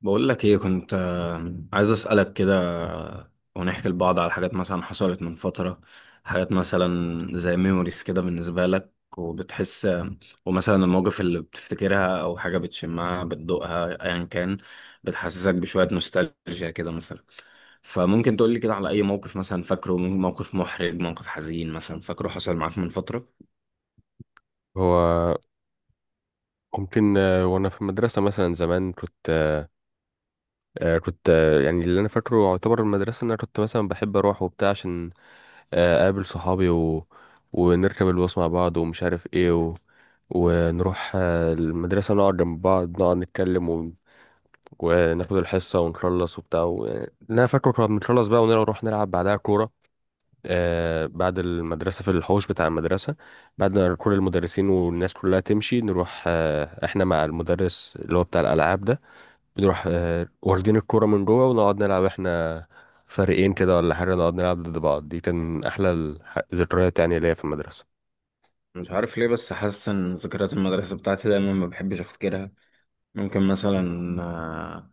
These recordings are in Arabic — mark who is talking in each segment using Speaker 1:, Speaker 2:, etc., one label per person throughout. Speaker 1: بقول لك ايه؟ كنت عايز اسالك كده. ونحكي لبعض على حاجات مثلا حصلت من فتره. حاجات مثلا، زي ميموريز كده بالنسبه لك، وبتحس ومثلا المواقف اللي بتفتكرها او حاجه بتشمها بتدوقها ايا كان، بتحسسك بشويه نوستالجيا كده مثلا. فممكن تقول لي كده على اي موقف مثلا فاكره، موقف محرج، موقف حزين مثلا فاكره حصل معاك من فتره.
Speaker 2: هو ممكن وانا في المدرسه مثلا زمان كنت آه، آه، كنت آه، يعني اللي انا فاكره يعتبر المدرسه ان انا كنت مثلا بحب اروح وبتاع عشان اقابل صحابي ونركب الباص مع بعض، ومش عارف ايه ونروح المدرسه، نقعد جنب بعض نقعد نتكلم وناخد الحصه ونخلص وبتاع يعني اللي انا فاكره كنا بنخلص بقى ونروح نلعب بعدها كوره، بعد المدرسة في الحوش بتاع المدرسة. بعد ما كل المدرسين والناس كلها تمشي نروح احنا مع المدرس اللي هو بتاع الألعاب ده، بنروح واخدين الكورة من جوه ونقعد نلعب احنا فريقين كده ولا حاجة، نقعد نلعب ضد بعض. دي كان أحلى الذكريات يعني ليا في المدرسة.
Speaker 1: مش عارف ليه بس حاسس ان ذكريات المدرسه بتاعتي دايما ما بحبش افتكرها. ممكن مثلا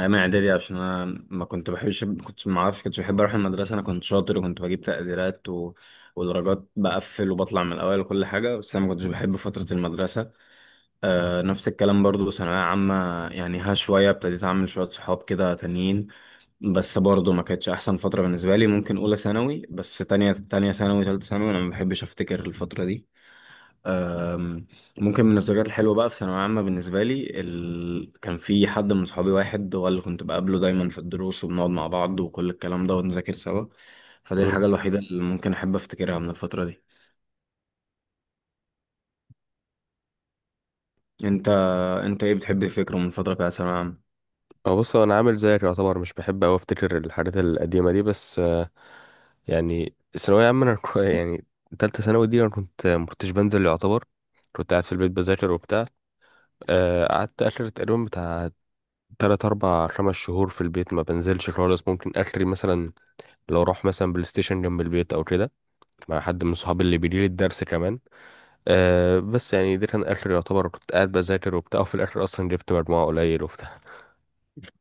Speaker 1: ايام اعدادي. عشان انا ما كنت بحبش، كنت ما اعرفش، كنتش بحب اروح المدرسه. انا كنت شاطر وكنت بجيب تقديرات ودرجات، بقفل وبطلع من الاول وكل حاجه، بس انا ما كنتش بحب فتره المدرسه. نفس الكلام برضو، ثانويه عامه. يعني ها، شويه ابتديت اعمل شويه صحاب كده تانيين، بس برضو ما كانتش احسن فتره بالنسبه لي. ممكن اولى ثانوي، بس تانية ثانوي، تالتة ثانوي انا ما بحبش افتكر الفتره دي. أم، ممكن من الذكريات الحلوة بقى في ثانوية عامة بالنسبة لي، كان في حد من صحابي، واحد هو اللي كنت بقابله دايما في الدروس، وبنقعد مع بعض وكل الكلام ده ونذاكر سوا. فدي
Speaker 2: مم.
Speaker 1: الحاجة الوحيدة اللي ممكن أحب أفتكرها من الفترة دي. أنت أنت إيه بتحب تفكره من الفترة بتاعت ثانوية عامة؟
Speaker 2: أه، بص، هو أنا عامل زيك يعتبر، مش بحب أوي أفتكر الحاجات القديمة دي، بس يعني الثانوية عامة أنا يعني تالتة ثانوي دي أنا كنت، مكنتش بنزل يعتبر، كنت قاعد في البيت بذاكر وبتاع. قعدت اخر تقريبا بتاع تلات اربع خمس شهور في البيت ما بنزلش خالص، ممكن اخري مثلا لو اروح مثلا بلاي ستيشن جنب البيت او كده مع حد من صحابي اللي بيجي لي الدرس كمان. أه بس يعني ده كان اخر يعتبر، كنت قاعد بذاكر وبتاع، وفي الاخر اصلا جبت مجموعة قليل وبتاع.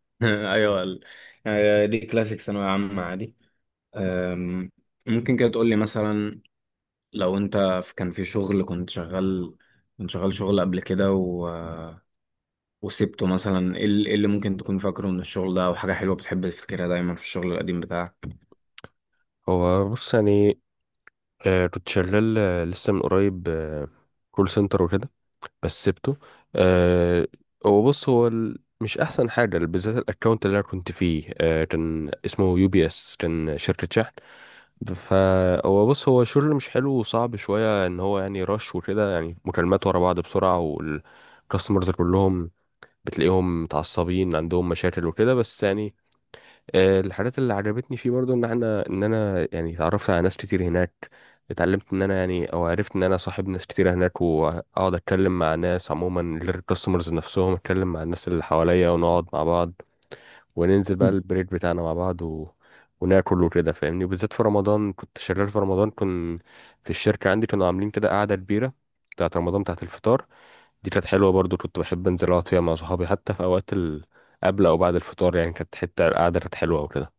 Speaker 1: أيوه دي كلاسيك ثانوية عامة عادي. أم، ممكن كده تقولي مثلا، لو أنت كان في شغل كنت شغال شغل قبل كده وسبته مثلا، إيه اللي ممكن تكون فاكره من الشغل ده او حاجه حلوه بتحب تفتكرها دايما في الشغل القديم بتاعك؟
Speaker 2: هو بص، يعني أه كنت شغال لسه من قريب كول سنتر وكده، بس سبته. أه، هو بص، هو مش احسن حاجه، بالذات الاكونت اللي انا كنت فيه أه كان اسمه يو بي اس، كان شركه شحن. فهو بص، هو شغل مش حلو وصعب شوية، ان هو يعني رش وكده، يعني مكالمات ورا بعض بسرعة، والكاستمرز كلهم بتلاقيهم متعصبين عندهم مشاكل وكده، بس يعني الحاجات اللي عجبتني فيه برضو ان احنا ان انا يعني اتعرفت على ناس كتير هناك، اتعلمت ان انا يعني، او عرفت ان انا صاحب ناس كتير هناك، واقعد اتكلم مع ناس عموما غير الكاستمرز نفسهم، اتكلم مع الناس اللي حواليا ونقعد مع بعض، وننزل بقى البريك بتاعنا مع بعض وناكل وكده فاهمني. وبالذات في رمضان كنت شغال، في رمضان كنت في الشركة عندي كانوا عاملين كده قعدة كبيرة بتاعت رمضان، بتاعت الفطار، دي كانت حلوة برضو. كنت بحب انزل اقعد فيها مع صحابي حتى في اوقات قبل او بعد الفطار، يعني كانت حتة القعدة كانت حلوة وكده.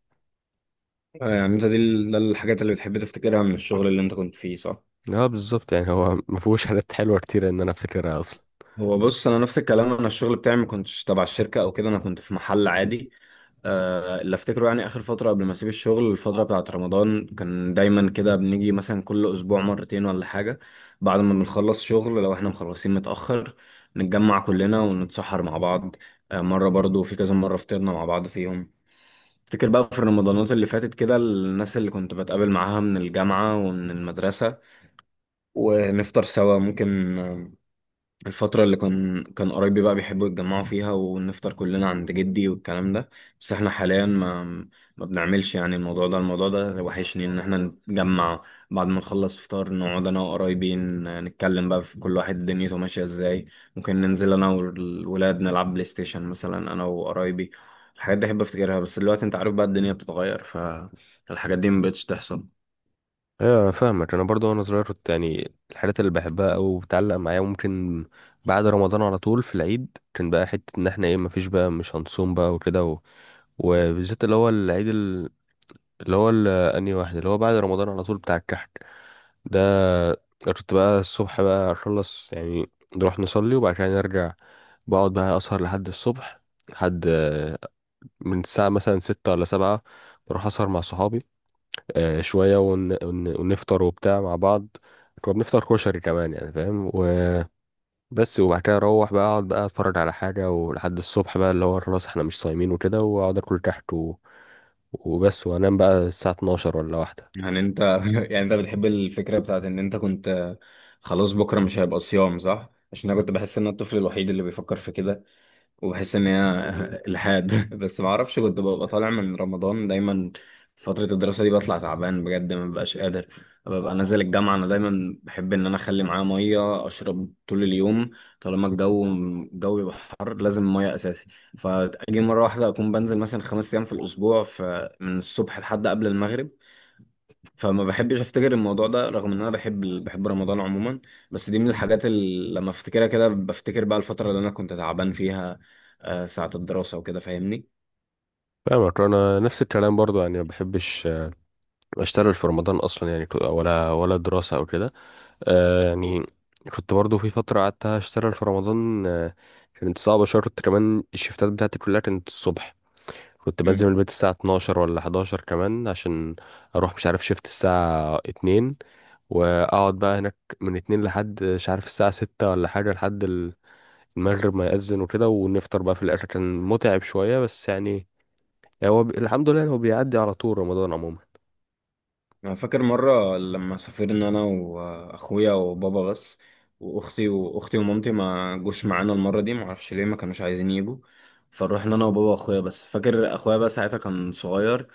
Speaker 1: يعني انت ده الحاجات اللي بتحب تفتكرها من الشغل اللي انت كنت فيه، صح؟
Speaker 2: اه بالظبط، يعني هو ما فيهوش حاجات حلوة كتير ان انا افتكرها اصلا.
Speaker 1: هو بص، انا نفس الكلام. انا الشغل بتاعي ما كنتش تبع الشركه او كده، انا كنت في محل عادي. اللي افتكره يعني اخر فتره قبل ما اسيب الشغل، الفتره بتاعه رمضان، كان دايما كده بنيجي مثلا كل اسبوع مرتين ولا حاجه، بعد ما بنخلص شغل لو احنا مخلصين متاخر، نتجمع كلنا ونتسحر مع بعض. مره برضو في كذا مره فطرنا مع بعض فيهم. افتكر بقى في رمضانات اللي فاتت كده، الناس اللي كنت بتقابل معاها من الجامعة ومن المدرسة ونفطر سوا. ممكن الفترة اللي كان كان قرايبي بقى بيحبوا يتجمعوا فيها ونفطر كلنا عند جدي والكلام ده. بس احنا حاليا ما بنعملش يعني الموضوع ده وحشني ان احنا نتجمع. بعد ما نخلص فطار، نقعد انا وقرايبي نتكلم بقى في كل واحد دنيته ماشية ازاي. ممكن ننزل انا والولاد نلعب بلاي ستيشن مثلا، انا وقرايبي. الحاجات دي احب افتكرها، بس دلوقتي انت عارف بقى، الدنيا بتتغير، فالحاجات دي مبقتش تحصل.
Speaker 2: ايوه انا فاهمك، انا برضو وانا صغير كنت يعني الحاجات اللي بحبها او بتعلق معايا وممكن بعد رمضان على طول في العيد كان بقى حتة ان احنا ايه، مفيش بقى، مش هنصوم بقى وكده، وبالذات اللي هو العيد انهي واحد اللي هو بعد رمضان على طول، بتاع الكحك ده. كنت بقى الصبح بقى اخلص يعني، نروح نصلي وبعد كده نرجع، بقعد بقى اسهر لحد الصبح، لحد من الساعة مثلا ستة ولا سبعة. بروح اسهر مع صحابي شوية ونفطر وبتاع مع بعض، كنا بنفطر كشري كمان يعني فاهم. وبس. وبعد كده اروح بقى اقعد بقى اتفرج على حاجة ولحد الصبح بقى، اللي هو خلاص احنا مش صايمين وكده، واقعد اكل كحك وبس، وانام بقى الساعه 12 ولا واحده.
Speaker 1: يعني انت يعني انت بتحب الفكرة بتاعت ان انت كنت خلاص بكرة مش هيبقى صيام، صح؟ عشان انا كنت بحس ان انا الطفل الوحيد اللي بيفكر في كده، وبحس ان هي الحاد بس ما اعرفش، كنت ببقى طالع من رمضان دايما فترة الدراسة دي بطلع تعبان بجد، ما ببقاش قادر. ببقى نازل الجامعة، انا دايما بحب ان انا اخلي معايا مية اشرب طول اليوم. طالما الجو يبقى حر لازم مية اساسي. فاجي مرة واحدة اكون بنزل مثلا 5 ايام في الاسبوع، فمن الصبح لحد قبل المغرب. فما بحبش افتكر الموضوع ده رغم ان انا بحب بحب رمضان عموما. بس دي من الحاجات اللي لما افتكرها كده بفتكر بقى الفترة اللي انا كنت تعبان فيها، ساعة الدراسة وكده فاهمني.
Speaker 2: فاهمك، انا نفس الكلام برضو يعني ما بحبش اشتغل في رمضان اصلا، يعني ولا دراسه او كده. آه يعني كنت برضو في فتره قعدت اشتغل في رمضان، كانت صعبه شرط، كمان الشفتات بتاعتي كلها كانت الصبح. كنت بنزل من
Speaker 1: امم
Speaker 2: البيت الساعه 12 ولا 11 كمان عشان اروح مش عارف شفت الساعه 2، واقعد بقى هناك من 2 لحد مش عارف الساعه 6 ولا حاجه، لحد المغرب ما يأذن وكده، ونفطر بقى في الآخر. كان متعب شوية، بس يعني هو الحمد لله إن هو بيعدي على طول، رمضان عموما.
Speaker 1: انا فاكر مرة لما سافرنا انا واخويا وبابا بس، واختي، واختي ومامتي ما جوش معانا المرة دي، ما اعرفش ليه، ما كانوش عايزين يجوا. فروحنا انا وبابا واخويا بس. فاكر اخويا بقى ساعتها كان صغير،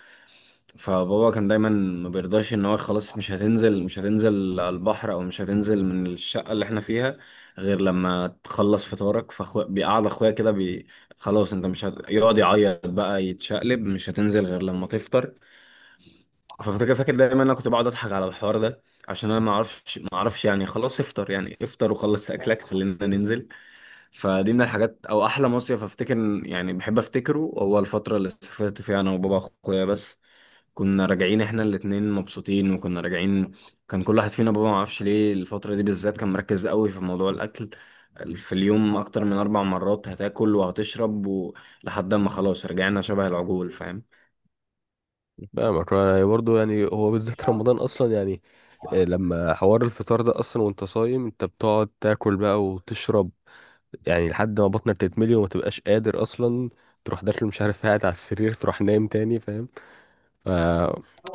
Speaker 1: فبابا كان دايما ما بيرضاش، ان هو خلاص مش هتنزل، مش هتنزل على البحر او مش هتنزل من الشقه اللي احنا فيها غير لما تخلص فطارك. بيقعد اخويا كده خلاص انت مش هت... يقعد يعيط بقى، يتشقلب، مش هتنزل غير لما تفطر. ففاكر دايما، انا كنت بقعد اضحك على الحوار ده، عشان انا ما اعرفش يعني خلاص افطر، يعني افطر وخلص اكلك خلينا ننزل. فدي من الحاجات، او احلى مصيف افتكر، يعني بحب افتكره، هو الفتره اللي سافرت فيها انا وبابا واخويا بس. كنا راجعين احنا الاتنين مبسوطين، وكنا راجعين كان كل واحد فينا، بابا ما اعرفش ليه الفترة دي بالذات كان مركز قوي في موضوع الاكل، في اليوم اكتر من 4 مرات هتاكل وهتشرب لحد ما خلاص رجعنا شبه العجول، فاهم.
Speaker 2: فاهمك يعني برضه، يعني هو بالذات رمضان أصلا، يعني لما حوار الفطار ده أصلا، وأنت صايم أنت بتقعد تاكل بقى وتشرب يعني لحد ما بطنك تتملي وما تبقاش قادر أصلا، تروح داخل مش عارف قاعد على السرير، تروح نايم تاني فاهم. ف،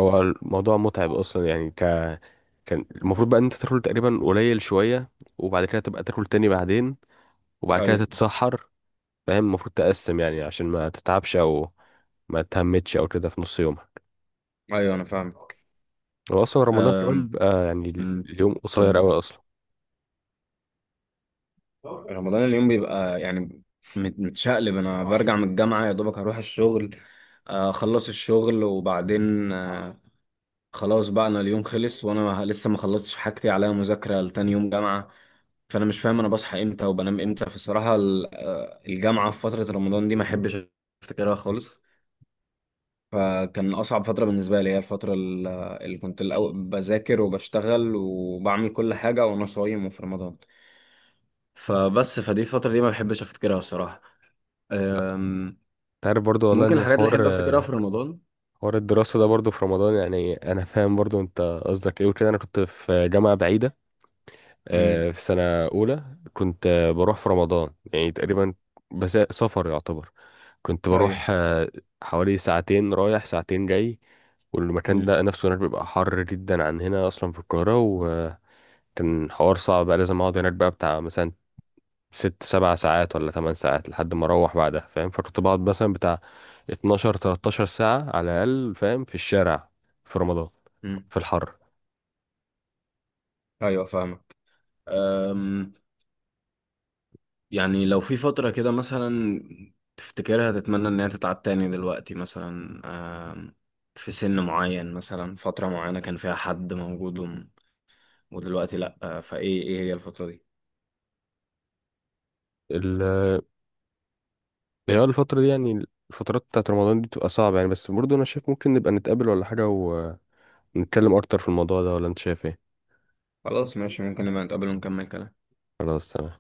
Speaker 2: هو الموضوع متعب أصلا يعني كان المفروض بقى إن أنت تاكل تقريبا قليل شوية، وبعد كده تبقى تاكل تاني بعدين، وبعد كده
Speaker 1: ايوه،
Speaker 2: تتسحر. فاهم، المفروض تقسم يعني عشان ما تتعبش او ما تهمتش او كده في نص يومها.
Speaker 1: ايوه، انا فاهمك.
Speaker 2: هو اصلا رمضان كمان بيبقى يعني
Speaker 1: أمم،
Speaker 2: اليوم قصير
Speaker 1: طب،
Speaker 2: قوي اصلا.
Speaker 1: رمضان اليوم بيبقى يعني متشقلب. انا برجع من الجامعة يا دوبك هروح الشغل، اخلص الشغل وبعدين خلاص بقى انا اليوم خلص وانا لسه ما خلصتش حاجتي، عليا مذاكره لتاني يوم جامعه. فانا مش فاهم انا بصحى امتى وبنام امتى. فالصراحه الجامعه في فتره رمضان دي ما احبش افتكرها خالص. فكان اصعب فتره بالنسبه لي هي الفتره اللي كنت الأول بذاكر وبشتغل وبعمل كل حاجه وانا صايم وفي رمضان. فبس فدي الفتره دي ما بحبش افتكرها الصراحه. أم،
Speaker 2: انت عارف برضو والله
Speaker 1: ممكن
Speaker 2: ان
Speaker 1: الحاجات اللي
Speaker 2: حوار
Speaker 1: احب افتكرها في رمضان.
Speaker 2: حوار الدراسة ده برضو في رمضان، يعني انا فاهم برضو انت قصدك ايه وكده. انا كنت في جامعة بعيدة،
Speaker 1: امم،
Speaker 2: في سنة اولى. كنت بروح في رمضان يعني تقريبا، بس سفر يعتبر. كنت
Speaker 1: ايوه،
Speaker 2: بروح حوالي ساعتين رايح ساعتين جاي، والمكان
Speaker 1: امم،
Speaker 2: ده نفسه هناك بيبقى حر جدا عن هنا اصلا في القاهرة. كان حوار صعب، بقى لازم اقعد هناك بقى بتاع مثلا ست سبع ساعات ولا تمن ساعات لحد ما اروح بعدها فاهم. فكنت بقعد مثلا بتاع 12 13 ساعة على الأقل فاهم، في الشارع، في رمضان، في الحر.
Speaker 1: ايوه، فاهمك. أم، يعني لو في فترة كده مثلا تفتكرها تتمنى إن هي تتعاد تاني دلوقتي مثلا، آم، في سن معين مثلا، فترة معينة كان فيها حد موجود، ودلوقتي لأ، فإيه هي الفترة دي؟
Speaker 2: ال- اللي هي الفترة دي يعني الفترات بتاعت رمضان دي بتبقى صعبة يعني، بس برضه أنا شايف ممكن نبقى نتقابل ولا حاجة ونتكلم أكتر في الموضوع ده، ولا أنت شايف إيه؟
Speaker 1: خلاص ماشي، ممكن نبقى نتقابل ونكمل كلام.
Speaker 2: خلاص تمام.